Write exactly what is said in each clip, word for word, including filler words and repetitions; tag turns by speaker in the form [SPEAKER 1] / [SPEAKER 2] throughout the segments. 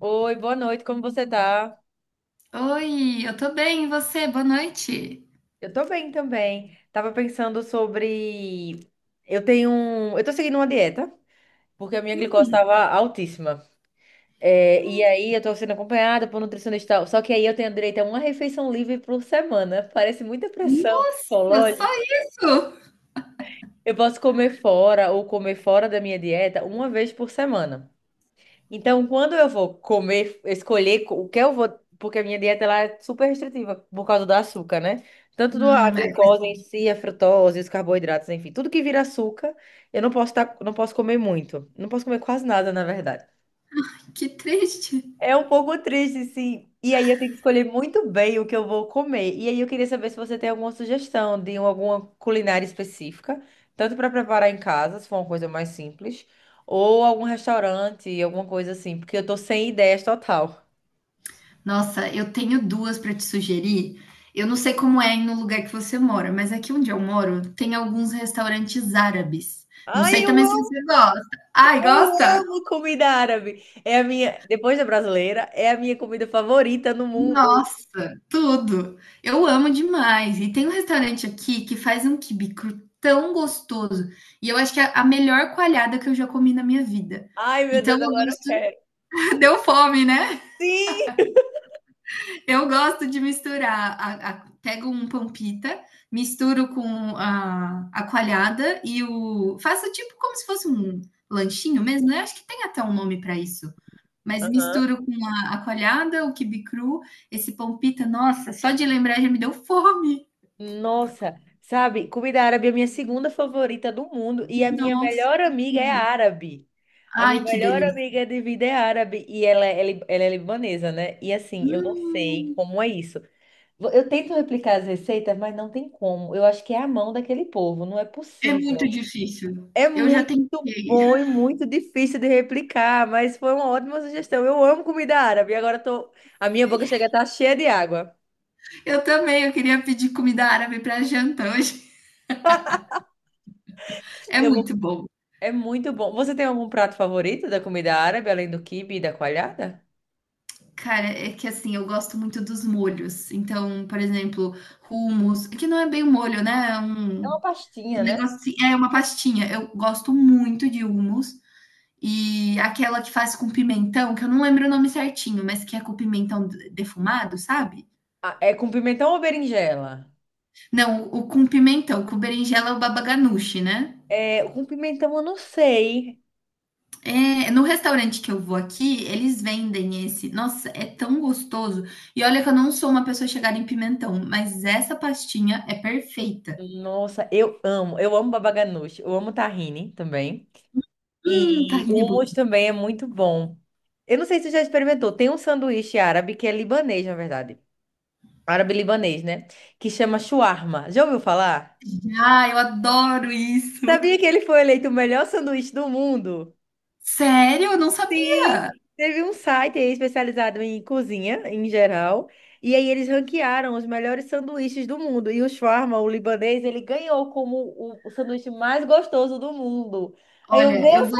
[SPEAKER 1] Oi, boa noite, como você tá?
[SPEAKER 2] Oi, eu tô bem, e você? Boa noite.
[SPEAKER 1] Eu tô bem também. Tava pensando sobre. Eu tenho. um- Eu tô seguindo uma dieta, porque a minha glicose
[SPEAKER 2] Hum.
[SPEAKER 1] estava altíssima. É, e
[SPEAKER 2] Nossa,
[SPEAKER 1] aí eu tô sendo acompanhada por nutricionista. Só que aí eu tenho direito a uma refeição livre por semana. Parece muita pressão
[SPEAKER 2] nossa, só
[SPEAKER 1] psicológica.
[SPEAKER 2] isso?
[SPEAKER 1] Eu posso comer fora ou comer fora da minha dieta uma vez por semana. Então, quando eu vou comer, escolher co- o que eu vou, porque a minha dieta ela é super restritiva por causa do açúcar, né? Tanto do a
[SPEAKER 2] Hum, é, faz
[SPEAKER 1] glicose em si, a frutose, os carboidratos, enfim, tudo que vira açúcar, eu não posso tá, não posso comer muito. Não posso comer quase nada, na verdade.
[SPEAKER 2] que triste.
[SPEAKER 1] É um pouco triste, sim. E aí eu tenho que escolher muito bem o que eu vou comer. E aí eu queria saber se você tem alguma sugestão de um, alguma culinária específica, tanto para preparar em casa, se for uma coisa mais simples, ou algum restaurante, alguma coisa assim, porque eu tô sem ideias total.
[SPEAKER 2] Nossa, eu tenho duas para te sugerir. Eu não sei como é aí no lugar que você mora, mas aqui onde eu moro tem alguns restaurantes árabes. Não
[SPEAKER 1] Ai,
[SPEAKER 2] sei
[SPEAKER 1] eu
[SPEAKER 2] também se
[SPEAKER 1] amo,
[SPEAKER 2] você gosta. Ai,
[SPEAKER 1] eu
[SPEAKER 2] gosta?
[SPEAKER 1] amo comida árabe. É a minha, depois da brasileira, é a minha comida favorita no mundo.
[SPEAKER 2] Nossa, tudo. Eu amo demais. E tem um restaurante aqui que faz um quibe cru tão gostoso. E eu acho que é a melhor coalhada que eu já comi na minha vida.
[SPEAKER 1] Ai, meu
[SPEAKER 2] Então
[SPEAKER 1] Deus,
[SPEAKER 2] eu
[SPEAKER 1] agora eu
[SPEAKER 2] gosto.
[SPEAKER 1] quero.
[SPEAKER 2] Deu fome, né?
[SPEAKER 1] Sim!
[SPEAKER 2] Eu gosto de misturar a a pego um pão pita, misturo com a a coalhada e o faço tipo como se fosse um lanchinho mesmo, né, acho que tem até um nome para isso. Mas
[SPEAKER 1] Aham.
[SPEAKER 2] misturo com a a coalhada, o quibe cru, esse pão pita, nossa, só de lembrar já me deu fome.
[SPEAKER 1] Nossa, sabe, comida árabe é a minha segunda favorita do mundo e a minha
[SPEAKER 2] Nossa,
[SPEAKER 1] melhor
[SPEAKER 2] que
[SPEAKER 1] amiga é
[SPEAKER 2] tudo.
[SPEAKER 1] árabe. A minha
[SPEAKER 2] Ai, que
[SPEAKER 1] melhor
[SPEAKER 2] delícia.
[SPEAKER 1] amiga de vida é árabe e ela, é li- ela é libanesa, né? E assim, eu não sei
[SPEAKER 2] Hum,
[SPEAKER 1] como é isso. Vo- Eu tento replicar as receitas, mas não tem como. Eu acho que é a mão daquele povo, não é
[SPEAKER 2] É muito
[SPEAKER 1] possível.
[SPEAKER 2] difícil.
[SPEAKER 1] É
[SPEAKER 2] Eu já
[SPEAKER 1] muito
[SPEAKER 2] tentei.
[SPEAKER 1] bom e muito difícil de replicar, mas foi uma ótima sugestão. Eu amo comida árabe, agora tô, a minha boca chega a estar cheia de água.
[SPEAKER 2] Eu também, eu queria pedir comida árabe para janta hoje. É
[SPEAKER 1] Eu vou
[SPEAKER 2] muito bom.
[SPEAKER 1] É muito bom. Você tem algum prato favorito da comida árabe, além do quibe e da coalhada?
[SPEAKER 2] Cara, é que assim, eu gosto muito dos molhos. Então, por exemplo, hummus, é que não é bem um molho, né, é
[SPEAKER 1] É
[SPEAKER 2] um
[SPEAKER 1] uma
[SPEAKER 2] um
[SPEAKER 1] pastinha, né?
[SPEAKER 2] negócio assim, é uma pastinha. Eu gosto muito de hummus. E aquela que faz com pimentão, que eu não lembro o nome certinho, mas que é com pimentão defumado, sabe?
[SPEAKER 1] Ah, é com pimentão ou berinjela?
[SPEAKER 2] Não, o com pimentão, com berinjela é o baba ganoush, né?
[SPEAKER 1] É, com pimentão eu não sei.
[SPEAKER 2] É, no restaurante que eu vou aqui, eles vendem esse. Nossa, é tão gostoso. E olha que eu não sou uma pessoa chegada em pimentão, mas essa pastinha é perfeita.
[SPEAKER 1] Nossa, eu amo. Eu amo baba ganoush. Eu amo tahine também.
[SPEAKER 2] Hum,
[SPEAKER 1] E
[SPEAKER 2] tahine é bom.
[SPEAKER 1] hummus também é muito bom. Eu não sei se você já experimentou. Tem um sanduíche árabe que é libanês, na verdade. Árabe-libanês, né? Que chama shawarma. Já ouviu falar?
[SPEAKER 2] Demais. Ah, eu adoro isso.
[SPEAKER 1] Sabia que ele foi eleito o melhor sanduíche do mundo?
[SPEAKER 2] Sério? Eu não sabia.
[SPEAKER 1] Sim, teve um site aí especializado em cozinha, em geral, e aí eles ranquearam os melhores sanduíches do mundo. E o shawarma, o libanês, ele ganhou como o, o sanduíche mais gostoso do mundo. Aí eu, meu
[SPEAKER 2] Olha, eu
[SPEAKER 1] Deus,
[SPEAKER 2] vou.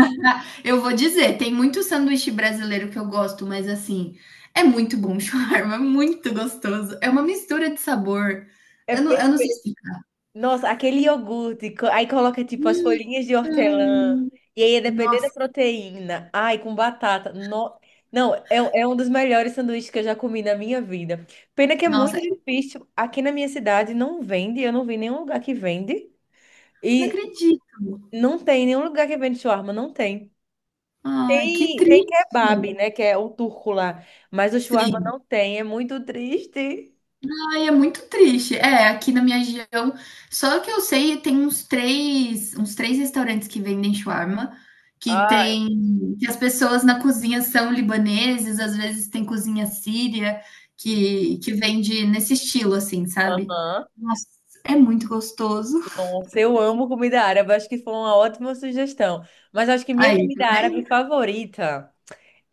[SPEAKER 2] Ah, eu vou dizer, tem muito sanduíche brasileiro que eu gosto, mas assim, é muito bom o shawarma, é muito gostoso. É uma mistura de sabor.
[SPEAKER 1] é
[SPEAKER 2] Eu não,
[SPEAKER 1] per-
[SPEAKER 2] eu não sei explicar.
[SPEAKER 1] nossa, aquele iogurte, co- aí coloca tipo as folhinhas de hortelã,
[SPEAKER 2] Hum,
[SPEAKER 1] e aí é depender da
[SPEAKER 2] Nossa,
[SPEAKER 1] proteína, ai, com batata. No. Não, é, um- é um dos melhores sanduíches que eu já comi na minha vida. Pena que é muito
[SPEAKER 2] nossa,
[SPEAKER 1] difícil. Aqui na minha cidade não vende, eu não vi nenhum lugar que vende.
[SPEAKER 2] não
[SPEAKER 1] E
[SPEAKER 2] acredito.
[SPEAKER 1] não tem nenhum lugar que vende shawarma, não tem.
[SPEAKER 2] Ai, que
[SPEAKER 1] Tem, tem
[SPEAKER 2] triste.
[SPEAKER 1] kebab, né? Que é o turco lá. Mas o shawarma
[SPEAKER 2] Sim.
[SPEAKER 1] não tem, é muito triste.
[SPEAKER 2] Ai, é muito triste. É, aqui na minha região, só que eu sei, tem uns três, uns três restaurantes que vendem shawarma, que
[SPEAKER 1] Ai,
[SPEAKER 2] tem, que as pessoas na cozinha são libaneses, às vezes tem cozinha síria, que, que vende nesse estilo, assim, sabe?
[SPEAKER 1] aham.
[SPEAKER 2] Nossa, é muito gostoso.
[SPEAKER 1] Nossa, eu amo comida árabe, acho que foi uma ótima sugestão. Mas acho que minha
[SPEAKER 2] Aí, tá
[SPEAKER 1] comida
[SPEAKER 2] vendo?
[SPEAKER 1] árabe favorita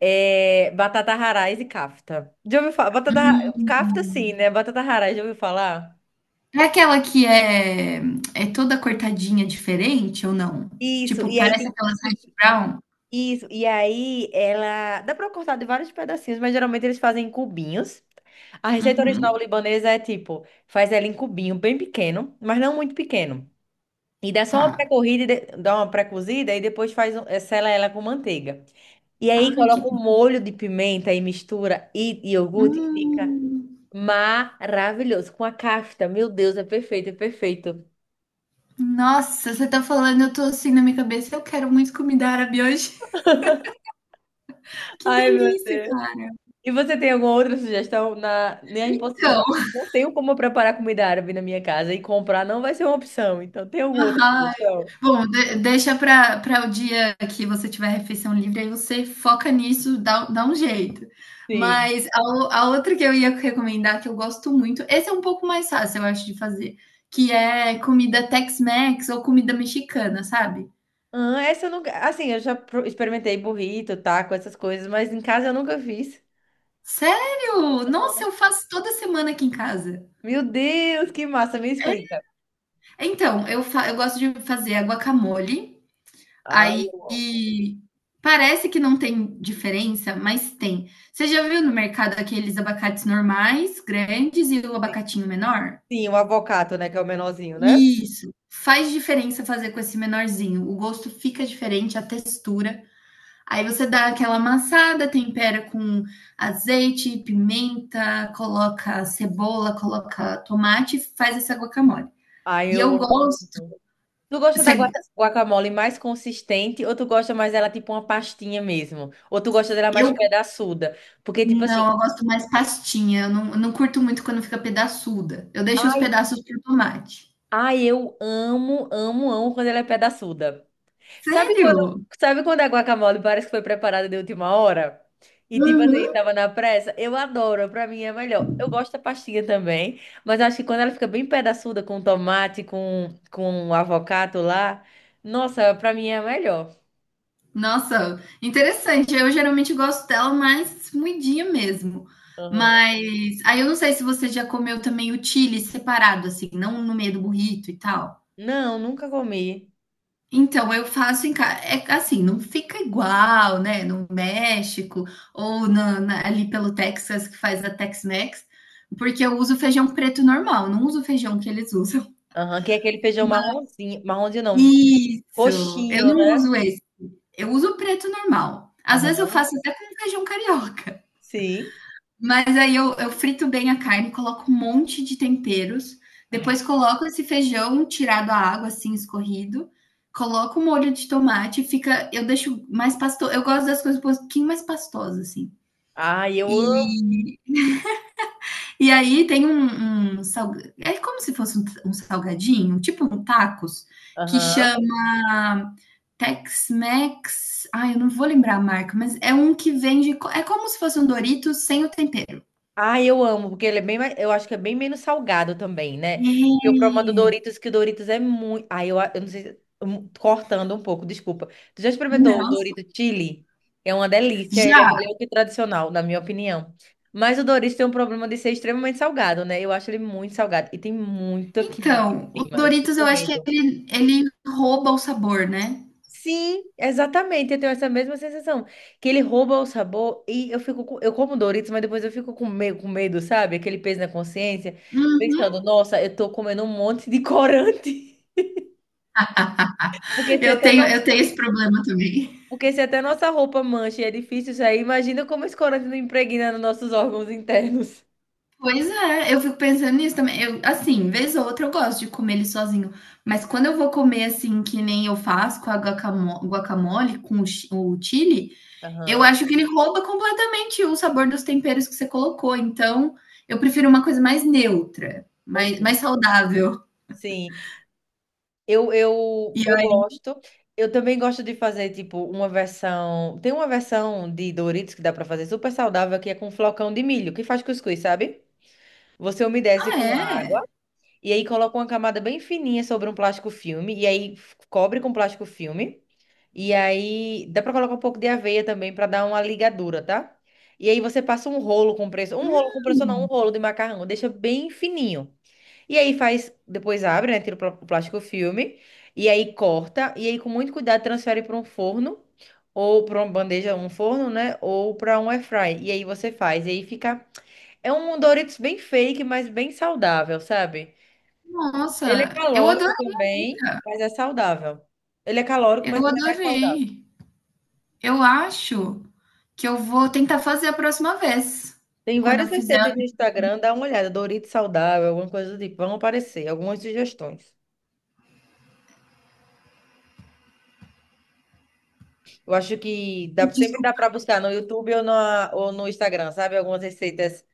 [SPEAKER 1] é batata haraz e kafta. Já ouviu falar? Batata.
[SPEAKER 2] Hum.
[SPEAKER 1] Kafta sim, né? Batata haraz, já ouviu falar?
[SPEAKER 2] É aquela que é, é toda cortadinha diferente ou não?
[SPEAKER 1] Isso,
[SPEAKER 2] Tipo,
[SPEAKER 1] e aí
[SPEAKER 2] parece
[SPEAKER 1] tem
[SPEAKER 2] aquelas hash brown?
[SPEAKER 1] Isso, e aí ela. Dá pra cortar de vários pedacinhos, mas geralmente eles fazem em cubinhos. A receita original
[SPEAKER 2] Uhum,
[SPEAKER 1] libanesa é tipo, faz ela em cubinho bem pequeno, mas não muito pequeno. E dá só uma
[SPEAKER 2] tá.
[SPEAKER 1] pré-corrida, e de- dá uma pré-cozida e depois faz, um- eh, sela ela com manteiga. E aí
[SPEAKER 2] Ai, que.
[SPEAKER 1] coloca um molho de pimenta e mistura e e iogurte e fica
[SPEAKER 2] Hum,
[SPEAKER 1] maravilhoso. Com a cafta, meu Deus, é perfeito, é perfeito.
[SPEAKER 2] Nossa, você tá falando, eu tô assim na minha cabeça, eu quero muito comida árabe hoje. Que
[SPEAKER 1] Ai, meu.
[SPEAKER 2] delícia, cara.
[SPEAKER 1] E você tem alguma outra sugestão na, na
[SPEAKER 2] Então,
[SPEAKER 1] impossibilidade? Não tenho como preparar comida árabe na minha casa e comprar não vai ser uma opção. Então, tem alguma outra
[SPEAKER 2] ai.
[SPEAKER 1] sugestão?
[SPEAKER 2] Bom, de deixa pra pra o dia que você tiver refeição livre, aí você foca nisso, dá dá um jeito.
[SPEAKER 1] Sim.
[SPEAKER 2] Mas a o a outra que eu ia recomendar, que eu gosto muito, esse é um pouco mais fácil, eu acho, de fazer, que é comida Tex-Mex ou comida mexicana, sabe.
[SPEAKER 1] Ah, essa eu nunca. Assim, eu já pro- experimentei burrito, taco, essas coisas, mas em casa eu nunca fiz.
[SPEAKER 2] Sério? Nossa, eu faço toda semana aqui em casa.
[SPEAKER 1] Meu Deus, que massa! Me explica.
[SPEAKER 2] Então, eu, fa eu gosto de fazer a guacamole,
[SPEAKER 1] Ai,
[SPEAKER 2] aí
[SPEAKER 1] eu amo.
[SPEAKER 2] parece que não tem diferença, mas tem. Você já viu no mercado aqueles abacates normais, grandes, e o abacatinho menor?
[SPEAKER 1] Sim, o avocado, né? Que é o menorzinho, né?
[SPEAKER 2] Isso. Faz diferença fazer com esse menorzinho. O gosto fica diferente, a textura. Aí você dá aquela amassada, tempera com azeite, pimenta, coloca cebola, coloca tomate, e faz essa guacamole.
[SPEAKER 1] Ai,
[SPEAKER 2] E
[SPEAKER 1] eu
[SPEAKER 2] eu
[SPEAKER 1] amo.
[SPEAKER 2] gosto.
[SPEAKER 1] Tu gosta da
[SPEAKER 2] Cê-
[SPEAKER 1] guaca- guacamole mais consistente ou tu gosta mais dela tipo uma pastinha mesmo? Ou tu gosta dela mais
[SPEAKER 2] eu
[SPEAKER 1] pedaçuda? Porque, tipo assim.
[SPEAKER 2] Não, eu gosto mais pastinha. Eu não eu não curto muito quando fica pedaçuda. Eu deixo os pedaços para tomate.
[SPEAKER 1] Ai, eu amo, amo, amo quando ela é pedaçuda. Sabe
[SPEAKER 2] Sério?
[SPEAKER 1] quando, sabe quando a guacamole parece que foi preparada de última hora? E tipo assim,
[SPEAKER 2] Uhum.
[SPEAKER 1] tava na pressa? Eu adoro, pra mim é melhor. Eu gosto da pastinha também, mas acho que quando ela fica bem pedaçuda com tomate, com, com avocado lá, nossa, pra mim é melhor.
[SPEAKER 2] Nossa, interessante. Eu geralmente gosto dela mais moidinha mesmo.
[SPEAKER 1] Aham.
[SPEAKER 2] Mas aí eu não sei se você já comeu também o chili separado, assim, não no meio do burrito e tal.
[SPEAKER 1] Não, nunca comi.
[SPEAKER 2] Então, eu faço em casa. É assim, não fica igual, né? No México ou na, na- ali pelo Texas que faz a Tex-Mex, porque eu uso feijão preto normal, não uso o feijão que eles usam.
[SPEAKER 1] Aham, que é aquele feijão marronzinho, marronzinho não,
[SPEAKER 2] Isso, eu
[SPEAKER 1] roxinho,
[SPEAKER 2] não
[SPEAKER 1] né?
[SPEAKER 2] uso esse, eu uso o preto normal. Às vezes eu
[SPEAKER 1] Aham,
[SPEAKER 2] faço até com feijão carioca.
[SPEAKER 1] sim.
[SPEAKER 2] Mas aí eu, eu frito bem a carne, coloco um monte de temperos,
[SPEAKER 1] Ai,
[SPEAKER 2] depois coloco esse feijão tirado a água, assim, escorrido, coloco o molho de tomate, fica, eu deixo mais pastoso, eu gosto das coisas um pouquinho mais pastosas, assim.
[SPEAKER 1] ai, eu amo.
[SPEAKER 2] E, e aí tem um, um salga- é como se fosse um, um salgadinho, tipo um tacos, que
[SPEAKER 1] Aham.
[SPEAKER 2] chama Tex-Mex, ai, eu não vou lembrar a marca, mas é um que vende, co- é como se fosse um Doritos sem o tempero.
[SPEAKER 1] Ah, eu amo, porque ele é bem mais, eu acho que é bem menos salgado também, né? E o problema do
[SPEAKER 2] É.
[SPEAKER 1] Doritos, que o Doritos é muito. Ah, eu, a- eu não sei. Se- hum, Cortando um pouco, desculpa. Tu já experimentou o
[SPEAKER 2] Não.
[SPEAKER 1] Dorito Chili? É uma delícia, ele é
[SPEAKER 2] Já.
[SPEAKER 1] melhor que o tradicional, na minha opinião. Mas o Doritos tem um problema de ser extremamente salgado, né? Eu acho ele muito salgado. E tem muita química
[SPEAKER 2] Então,
[SPEAKER 1] em
[SPEAKER 2] o
[SPEAKER 1] cima. Eu fico
[SPEAKER 2] Doritos eu
[SPEAKER 1] com
[SPEAKER 2] acho que
[SPEAKER 1] medo.
[SPEAKER 2] ele, ele rouba o sabor, né?
[SPEAKER 1] Sim, exatamente. Eu tenho essa mesma sensação. Que ele rouba o sabor e eu fico com- eu como Doritos, mas depois eu fico com medo, com medo, sabe? Aquele peso na consciência, pensando,
[SPEAKER 2] Uhum.
[SPEAKER 1] nossa, eu tô comendo um monte de corante. Porque se
[SPEAKER 2] Eu
[SPEAKER 1] até
[SPEAKER 2] tenho,
[SPEAKER 1] não,
[SPEAKER 2] eu tenho esse problema também.
[SPEAKER 1] porque se até nossa roupa mancha e é difícil sair, imagina como esse corante não impregna nos nossos órgãos internos.
[SPEAKER 2] Pois é, eu fico pensando nisso também. Eu, assim, vez ou outra eu gosto de comer ele sozinho, mas quando eu vou comer assim, que nem eu faço com a guacamo- guacamole, com o chi- o chili, eu
[SPEAKER 1] Aham.
[SPEAKER 2] acho que ele rouba completamente o sabor dos temperos que você colocou. Então, eu prefiro uma coisa mais neutra, mais,
[SPEAKER 1] Ok.
[SPEAKER 2] mais saudável.
[SPEAKER 1] Sim. Eu, eu,
[SPEAKER 2] E
[SPEAKER 1] eu
[SPEAKER 2] aí.
[SPEAKER 1] gosto. Eu também gosto de fazer, tipo, uma versão. Tem uma versão de Doritos que dá pra fazer super saudável, que é com flocão de milho, que faz cuscuz, sabe? Você umedece
[SPEAKER 2] Ah,
[SPEAKER 1] com água
[SPEAKER 2] é?
[SPEAKER 1] e aí coloca uma camada bem fininha sobre um plástico filme e aí f- cobre com plástico filme. E aí dá pra colocar um pouco de aveia também pra dar uma ligadura, tá? E aí você passa um rolo compressor, um rolo compressor não, um
[SPEAKER 2] Hum.
[SPEAKER 1] rolo de macarrão, deixa bem fininho. E aí faz, depois abre, né? Tira o plá- o plástico filme. E aí corta. E aí, com muito cuidado, transfere para um forno. Ou para uma bandeja, um forno, né? Ou para um air fry. E aí você faz. E aí fica. É um Doritos bem fake, mas bem saudável, sabe? Ele é
[SPEAKER 2] Nossa, eu
[SPEAKER 1] calórico
[SPEAKER 2] adorei a
[SPEAKER 1] também,
[SPEAKER 2] dica.
[SPEAKER 1] mas é saudável. Ele é calórico, mas
[SPEAKER 2] Eu
[SPEAKER 1] ele é mais saudável.
[SPEAKER 2] adorei. Eu acho que eu vou tentar fazer a próxima vez.
[SPEAKER 1] Tem
[SPEAKER 2] Quando
[SPEAKER 1] várias
[SPEAKER 2] eu fizer,
[SPEAKER 1] receitas no Instagram, dá uma olhada. Doritos saudável, alguma coisa do tipo. Vão aparecer algumas sugestões. Eu acho que dá, sempre dá
[SPEAKER 2] desculpa.
[SPEAKER 1] para buscar no YouTube ou, na, ou no Instagram, sabe? Algumas receitas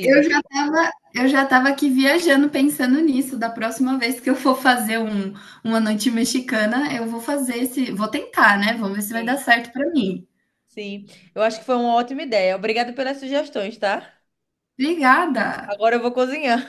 [SPEAKER 2] Eu já estava, eu já estava aqui viajando pensando nisso. Da próxima vez que eu for fazer um, uma noite mexicana, eu vou fazer esse, vou tentar, né? Vamos ver se vai dar
[SPEAKER 1] Sim.
[SPEAKER 2] certo para mim.
[SPEAKER 1] Sim, eu acho que foi uma ótima ideia. Obrigada pelas sugestões, tá?
[SPEAKER 2] Obrigada.
[SPEAKER 1] Agora eu vou cozinhar.